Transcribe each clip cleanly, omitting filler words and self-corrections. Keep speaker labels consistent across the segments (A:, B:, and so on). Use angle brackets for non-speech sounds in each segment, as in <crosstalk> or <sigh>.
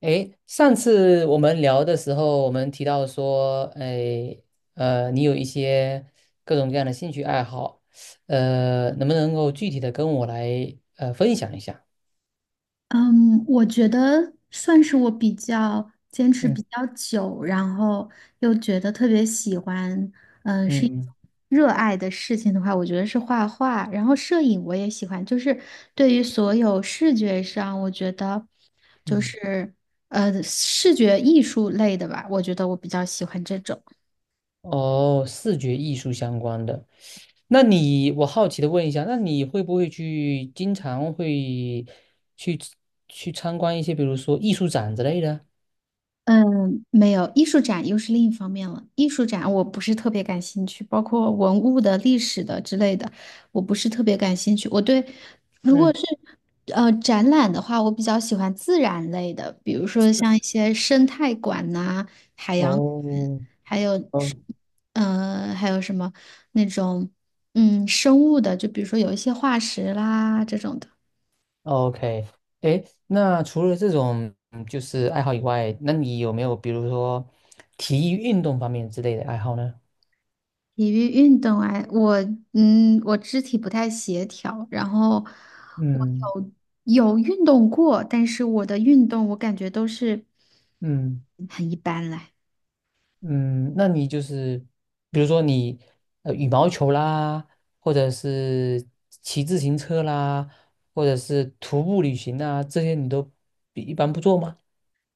A: 诶，上次我们聊的时候，我们提到说，诶，你有一些各种各样的兴趣爱好，能不能够具体的跟我来分享一下？
B: 嗯，我觉得算是我比较坚持比
A: 嗯
B: 较久，然后又觉得特别喜欢，是一种
A: 嗯
B: 热爱的事情的话，我觉得是画画，然后摄影我也喜欢，就是对于所有视觉上，我觉得就
A: 嗯。
B: 是视觉艺术类的吧，我觉得我比较喜欢这种。
A: 哦，视觉艺术相关的，我好奇的问一下，那你会不会去经常会去去参观一些，比如说艺术展之类的？
B: 嗯，没有，艺术展又是另一方面了。艺术展我不是特别感兴趣，包括文物的、历史的之类的，我不是特别感兴趣。我对，如果
A: 嗯，
B: 是展览的话，我比较喜欢自然类的，比如说像一些生态馆呐、海洋馆，
A: 哦，
B: 还有是
A: 哦，
B: 还有什么那种生物的，就比如说有一些化石啦这种的。
A: OK。诶，那除了这种就是爱好以外，那你有没有比如说体育运动方面之类的爱好呢？
B: 体育运动啊，我我肢体不太协调，然后我
A: 嗯
B: 有运动过，但是我的运动我感觉都是
A: 嗯
B: 很一般啦。
A: 嗯。那你就是比如说你羽毛球啦，或者是骑自行车啦，或者是徒步旅行啊，这些你都比一般不做吗？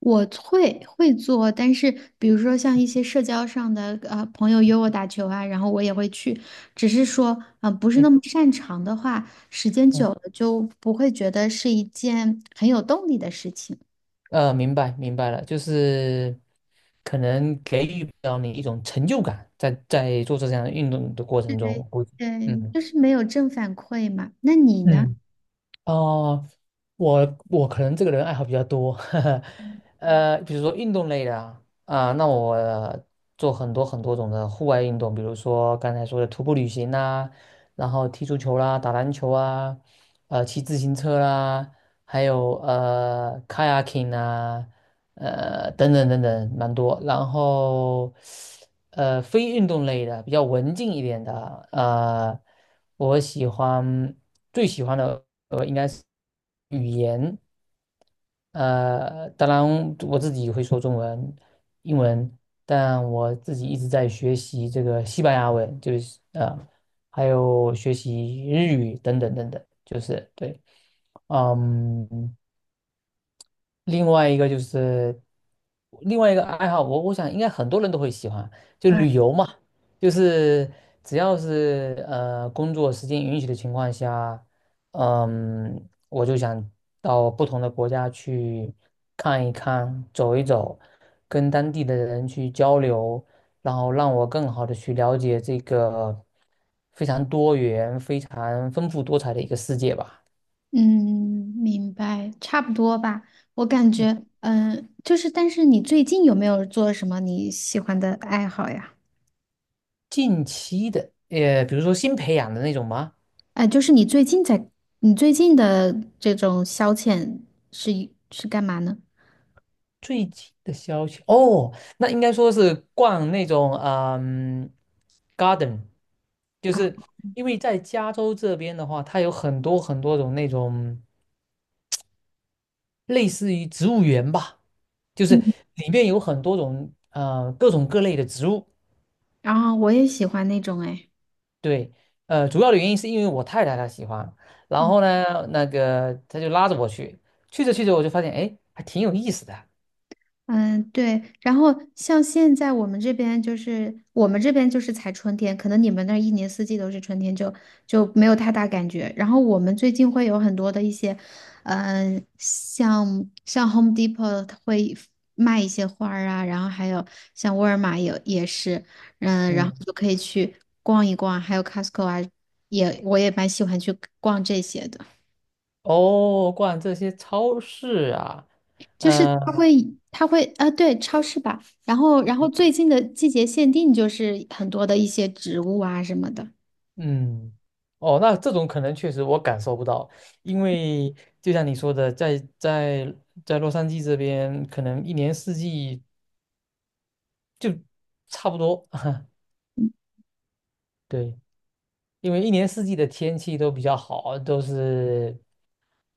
B: 我会做，但是比如说像一些社交上的朋友约我打球啊，然后我也会去，只是说不是那
A: 嗯
B: 么擅长的话，时间
A: 嗯。
B: 久了就不会觉得是一件很有动力的事情。
A: 明白明白了，就是。可能给予不了你一种成就感在做这项运动的过程中，我估计。
B: 对，
A: 嗯
B: 就是没有正反馈嘛。那你呢？
A: 嗯。哦，我可能这个人爱好比较多，<laughs> 呵呵。比如说运动类的啊，那我做很多很多种的户外运动，比如说刚才说的徒步旅行啦、然后踢足球啦、打篮球啊，骑自行车啦，还有kayaking 啊，等等等等，蛮多。然后非运动类的比较文静一点的啊，我喜欢。最喜欢的应该是语言。当然我自己会说中文、英文，但我自己一直在学习这个西班牙文，就是还有学习日语等等等等，就是对。嗯。另外一个就是另外一个爱好，我想应该很多人都会喜欢，就旅游嘛，就是只要是工作时间允许的情况下，我就想到不同的国家去看一看、走一走，跟当地的人去交流，然后让我更好的去了解这个非常多元、非常丰富多彩的一个世界吧。
B: 嗯，明白，差不多吧。我感
A: 嗯
B: 觉，就是，但是你最近有没有做什么你喜欢的爱好呀？
A: 近期的，比如说新培养的那种吗？
B: 就是你最近在，你最近的这种消遣是是干嘛呢？
A: 最近的消息哦，那应该说是逛那种，garden，就
B: 啊，
A: 是因为在加州这边的话，它有很多很多种那种类似于植物园吧，就是
B: 嗯，
A: 里面有很多种各种各类的植物。
B: 然后我也喜欢那种，哎。
A: 对，主要的原因是因为我太太她喜欢，然后呢，那个她就拉着我去，去着去着我就发现，哎，还挺有意思的。
B: 嗯，对。然后像现在我们这边就是才春天，可能你们那儿一年四季都是春天就，就没有太大感觉。然后我们最近会有很多的一些，像 Home Depot 它会卖一些花儿啊，然后还有像沃尔玛也是，嗯，然后
A: 嗯。
B: 就可以去逛一逛，还有 Costco 啊，我也蛮喜欢去逛这些的。
A: 哦，逛这些超市啊。
B: 就是
A: 嗯、
B: 它会，它会，啊，对，超市吧。然后，然后最近的季节限定就是很多的一些植物啊什么的，
A: 嗯。哦，那这种可能确实我感受不到，因为就像你说的，在洛杉矶这边，可能一年四季就差不多。<laughs> 对，因为一年四季的天气都比较好，都是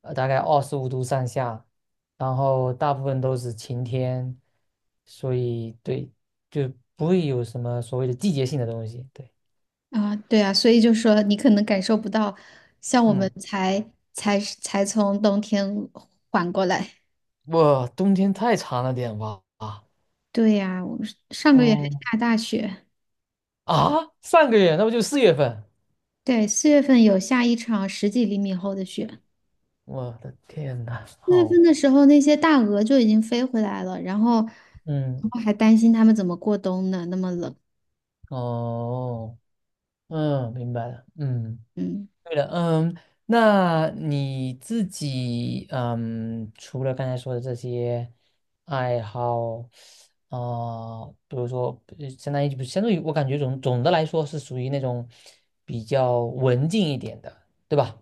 A: 大概25度上下，然后大部分都是晴天，所以对，就不会有什么所谓的季节性的东西。对。
B: 啊，对啊，所以就说你可能感受不到，像我们
A: 嗯。
B: 才从冬天缓过来。
A: 我冬天太长了点吧？啊
B: 对呀，我是上个月还
A: 哦，
B: 下大雪，
A: 啊，上个月那不就4月份？
B: 对，四月份有下一场十几厘米厚的雪。
A: 我的天呐，
B: 四月
A: 好。
B: 份的时候，那些大鹅就已经飞回来了，然后，然
A: 嗯。
B: 后还担心它们怎么过冬呢？那么冷，
A: 哦。嗯，明白了。嗯。
B: 嗯。
A: 对了。嗯。那你自己，嗯，除了刚才说的这些爱好，啊，比如说，呃相当于不，相当于我感觉总的来说是属于那种比较文静一点的，对吧？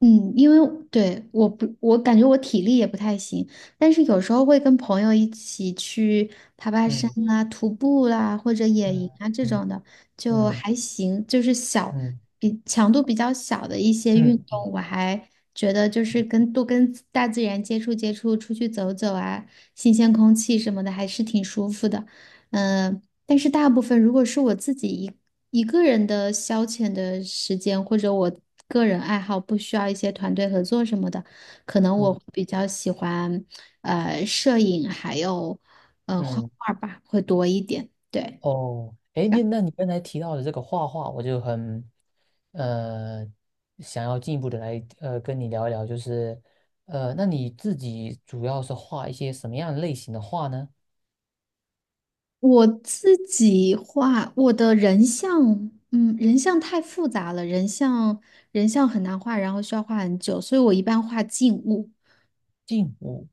B: 嗯，因为对我不，我感觉我体力也不太行，但是有时候会跟朋友一起去爬爬山
A: 嗯
B: 啊、徒步啦，或者野营
A: 嗯
B: 啊这
A: 嗯
B: 种的，就
A: 嗯。
B: 还行，就是小，
A: 嗯
B: 比强度比较小的一些运
A: 嗯嗯
B: 动，我还觉得就是跟大自然接触接触，出去走走啊，新鲜空气什么的，还是挺舒服的。但是大部分如果是我自己一个人的消遣的时间，或者我个人爱好不需要一些团队合作什么的，可能我
A: 嗯
B: 会比较喜欢摄影，还有画
A: 嗯。
B: 画吧，会多一点。对，
A: 哦，哎，
B: 然
A: 那
B: 后
A: 那你刚才提到的这个画画，我就很呃想要进一步的来跟你聊一聊，就是那你自己主要是画一些什么样类型的画呢？
B: 我自己画我的人像，嗯，人像太复杂了，人像很难画，然后需要画很久，所以我一般画静物。
A: 静物，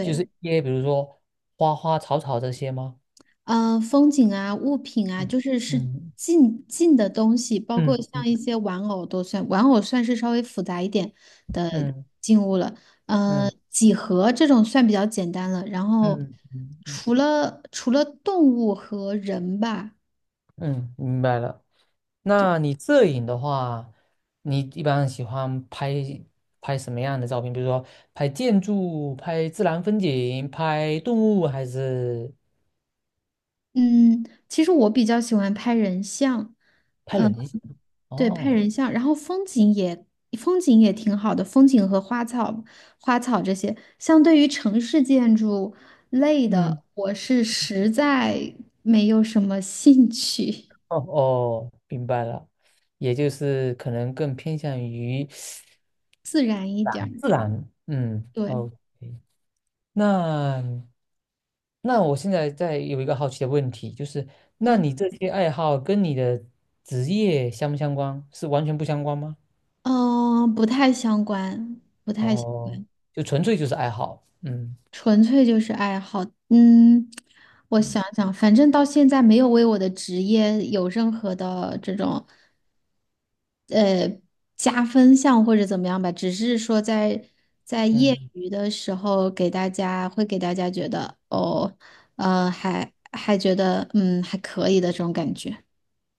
A: 就是一些比如说花花草草这些吗？
B: 风景啊、物品啊，
A: 嗯
B: 是
A: 嗯
B: 近近的东西，包括
A: 嗯
B: 像
A: 嗯
B: 一些玩偶都算，玩偶算是稍微复杂一点的
A: 嗯
B: 静物了。嗯，
A: 嗯
B: 几何这种算比较简单了。然后
A: 嗯嗯嗯。
B: 除了动物和人吧，
A: 嗯明白了。那你摄影的话，你一般喜欢拍什么样的照片？比如说拍建筑、拍自然风景、拍动物，还是
B: 嗯，其实我比较喜欢拍人像，
A: 拍
B: 嗯。
A: 人？
B: 对，拍
A: 哦。
B: 人像，然后风景也挺好的，风景和花草这些，相对于城市建筑类
A: 嗯。
B: 的，我是实在没有什么兴趣，
A: 哦哦，明白了，也就是可能更偏向于自
B: <laughs> 自然一点
A: 然，
B: 儿。
A: 自然。嗯哦
B: 对，
A: ，OK。那那我现在有一个好奇的问题，就是那
B: 嗯
A: 你这些爱好跟你的职业相不相关？是完全不相关吗？
B: 嗯，呃不太相关，不太相
A: 哦，就纯粹就是爱好。嗯
B: 纯粹就是爱好。嗯，我
A: 嗯。
B: 想想，反正到现在没有为我的职业有任何的这种。呃加分项或者怎么样吧，只是说在业
A: 嗯。
B: 余的时候给大家会给大家觉得哦，呃，还觉得嗯还可以的这种感觉。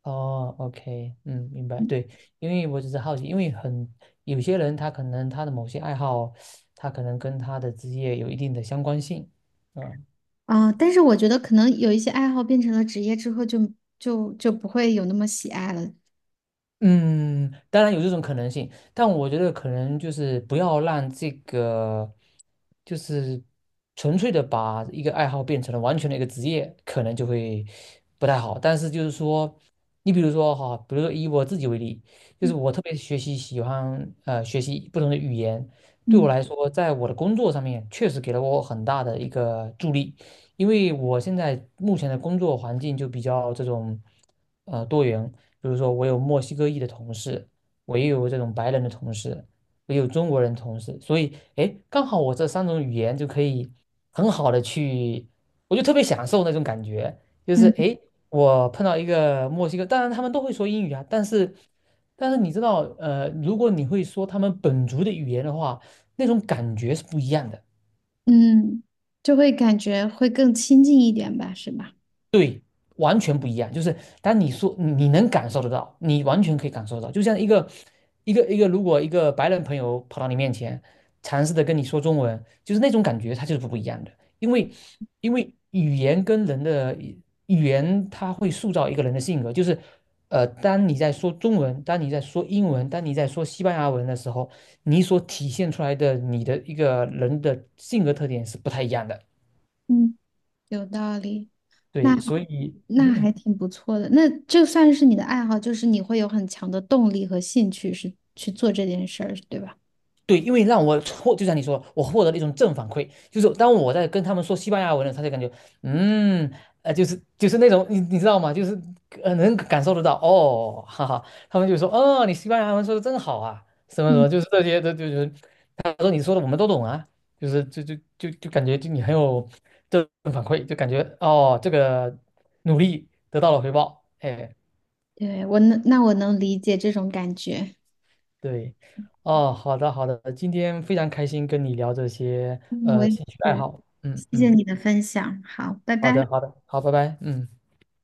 A: 哦，OK。嗯，明白，对。因为我只是好奇，因为有些人他可能他的某些爱好，他可能跟他的职业有一定的相关性。嗯。
B: 啊，但是我觉得可能有一些爱好变成了职业之后就，就不会有那么喜爱了。
A: 嗯，当然有这种可能性，但我觉得可能就是不要让这个，就是纯粹的把一个爱好变成了完全的一个职业，可能就会不太好。但是就是说，你比如说哈，比如说以我自己为例，就是我特别喜欢学习不同的语言，对我
B: 嗯
A: 来说，在我的工作上面确实给了我很大的一个助力，因为我现在目前的工作环境就比较这种多元。比如说我有墨西哥裔的同事，我也有这种白人的同事，我也有中国人同事，所以诶，刚好我这三种语言就可以很好的去，我就特别享受那种感觉。就是
B: 嗯
A: 诶，我碰到一个墨西哥，当然他们都会说英语啊，但是你知道，如果你会说他们本族的语言的话，那种感觉是不一样的。
B: 嗯，就会感觉会更亲近一点吧，是吧？
A: 完全不一样。就是当你说你能感受得到，你完全可以感受得到，就像一个一个一个，如果一个白人朋友跑到你面前，尝试的跟你说中文，就是那种感觉，它就是不一样的。因为因为语言跟人的语言，它会塑造一个人的性格，就是。当你在说中文，当你在说英文，当你在说西班牙文的时候，你所体现出来的你的一个人的性格特点是不太一样的。
B: 嗯，有道理。那
A: 对，
B: 还
A: 所以
B: 那还挺不错的。那这算是你的爱好，就是你会有很强的动力和兴趣是去做这件事儿，对吧？
A: 对。因为让我获，就像你说，我获得了一种正反馈，就是当我在跟他们说西班牙文的时候，他就感觉。嗯，就是那种，你知道吗？就是能感受得到，哦，哈哈。他们就说，哦，你西班牙文说的真好啊，什么什
B: 嗯
A: 么，就是这些，这就是。他说你说的我们都懂啊，就是就就就就感觉就你很有正反馈，就感觉哦，这个努力得到了回报，哎。
B: 对，那我能理解这种感觉。
A: 对。哦，好的好的，今天非常开心跟你聊这些
B: 嗯，我也
A: 兴趣爱
B: 是。
A: 好。嗯
B: 谢谢
A: 嗯。
B: 你的分享，好，拜
A: 好
B: 拜。
A: 的好的，好，拜拜。嗯。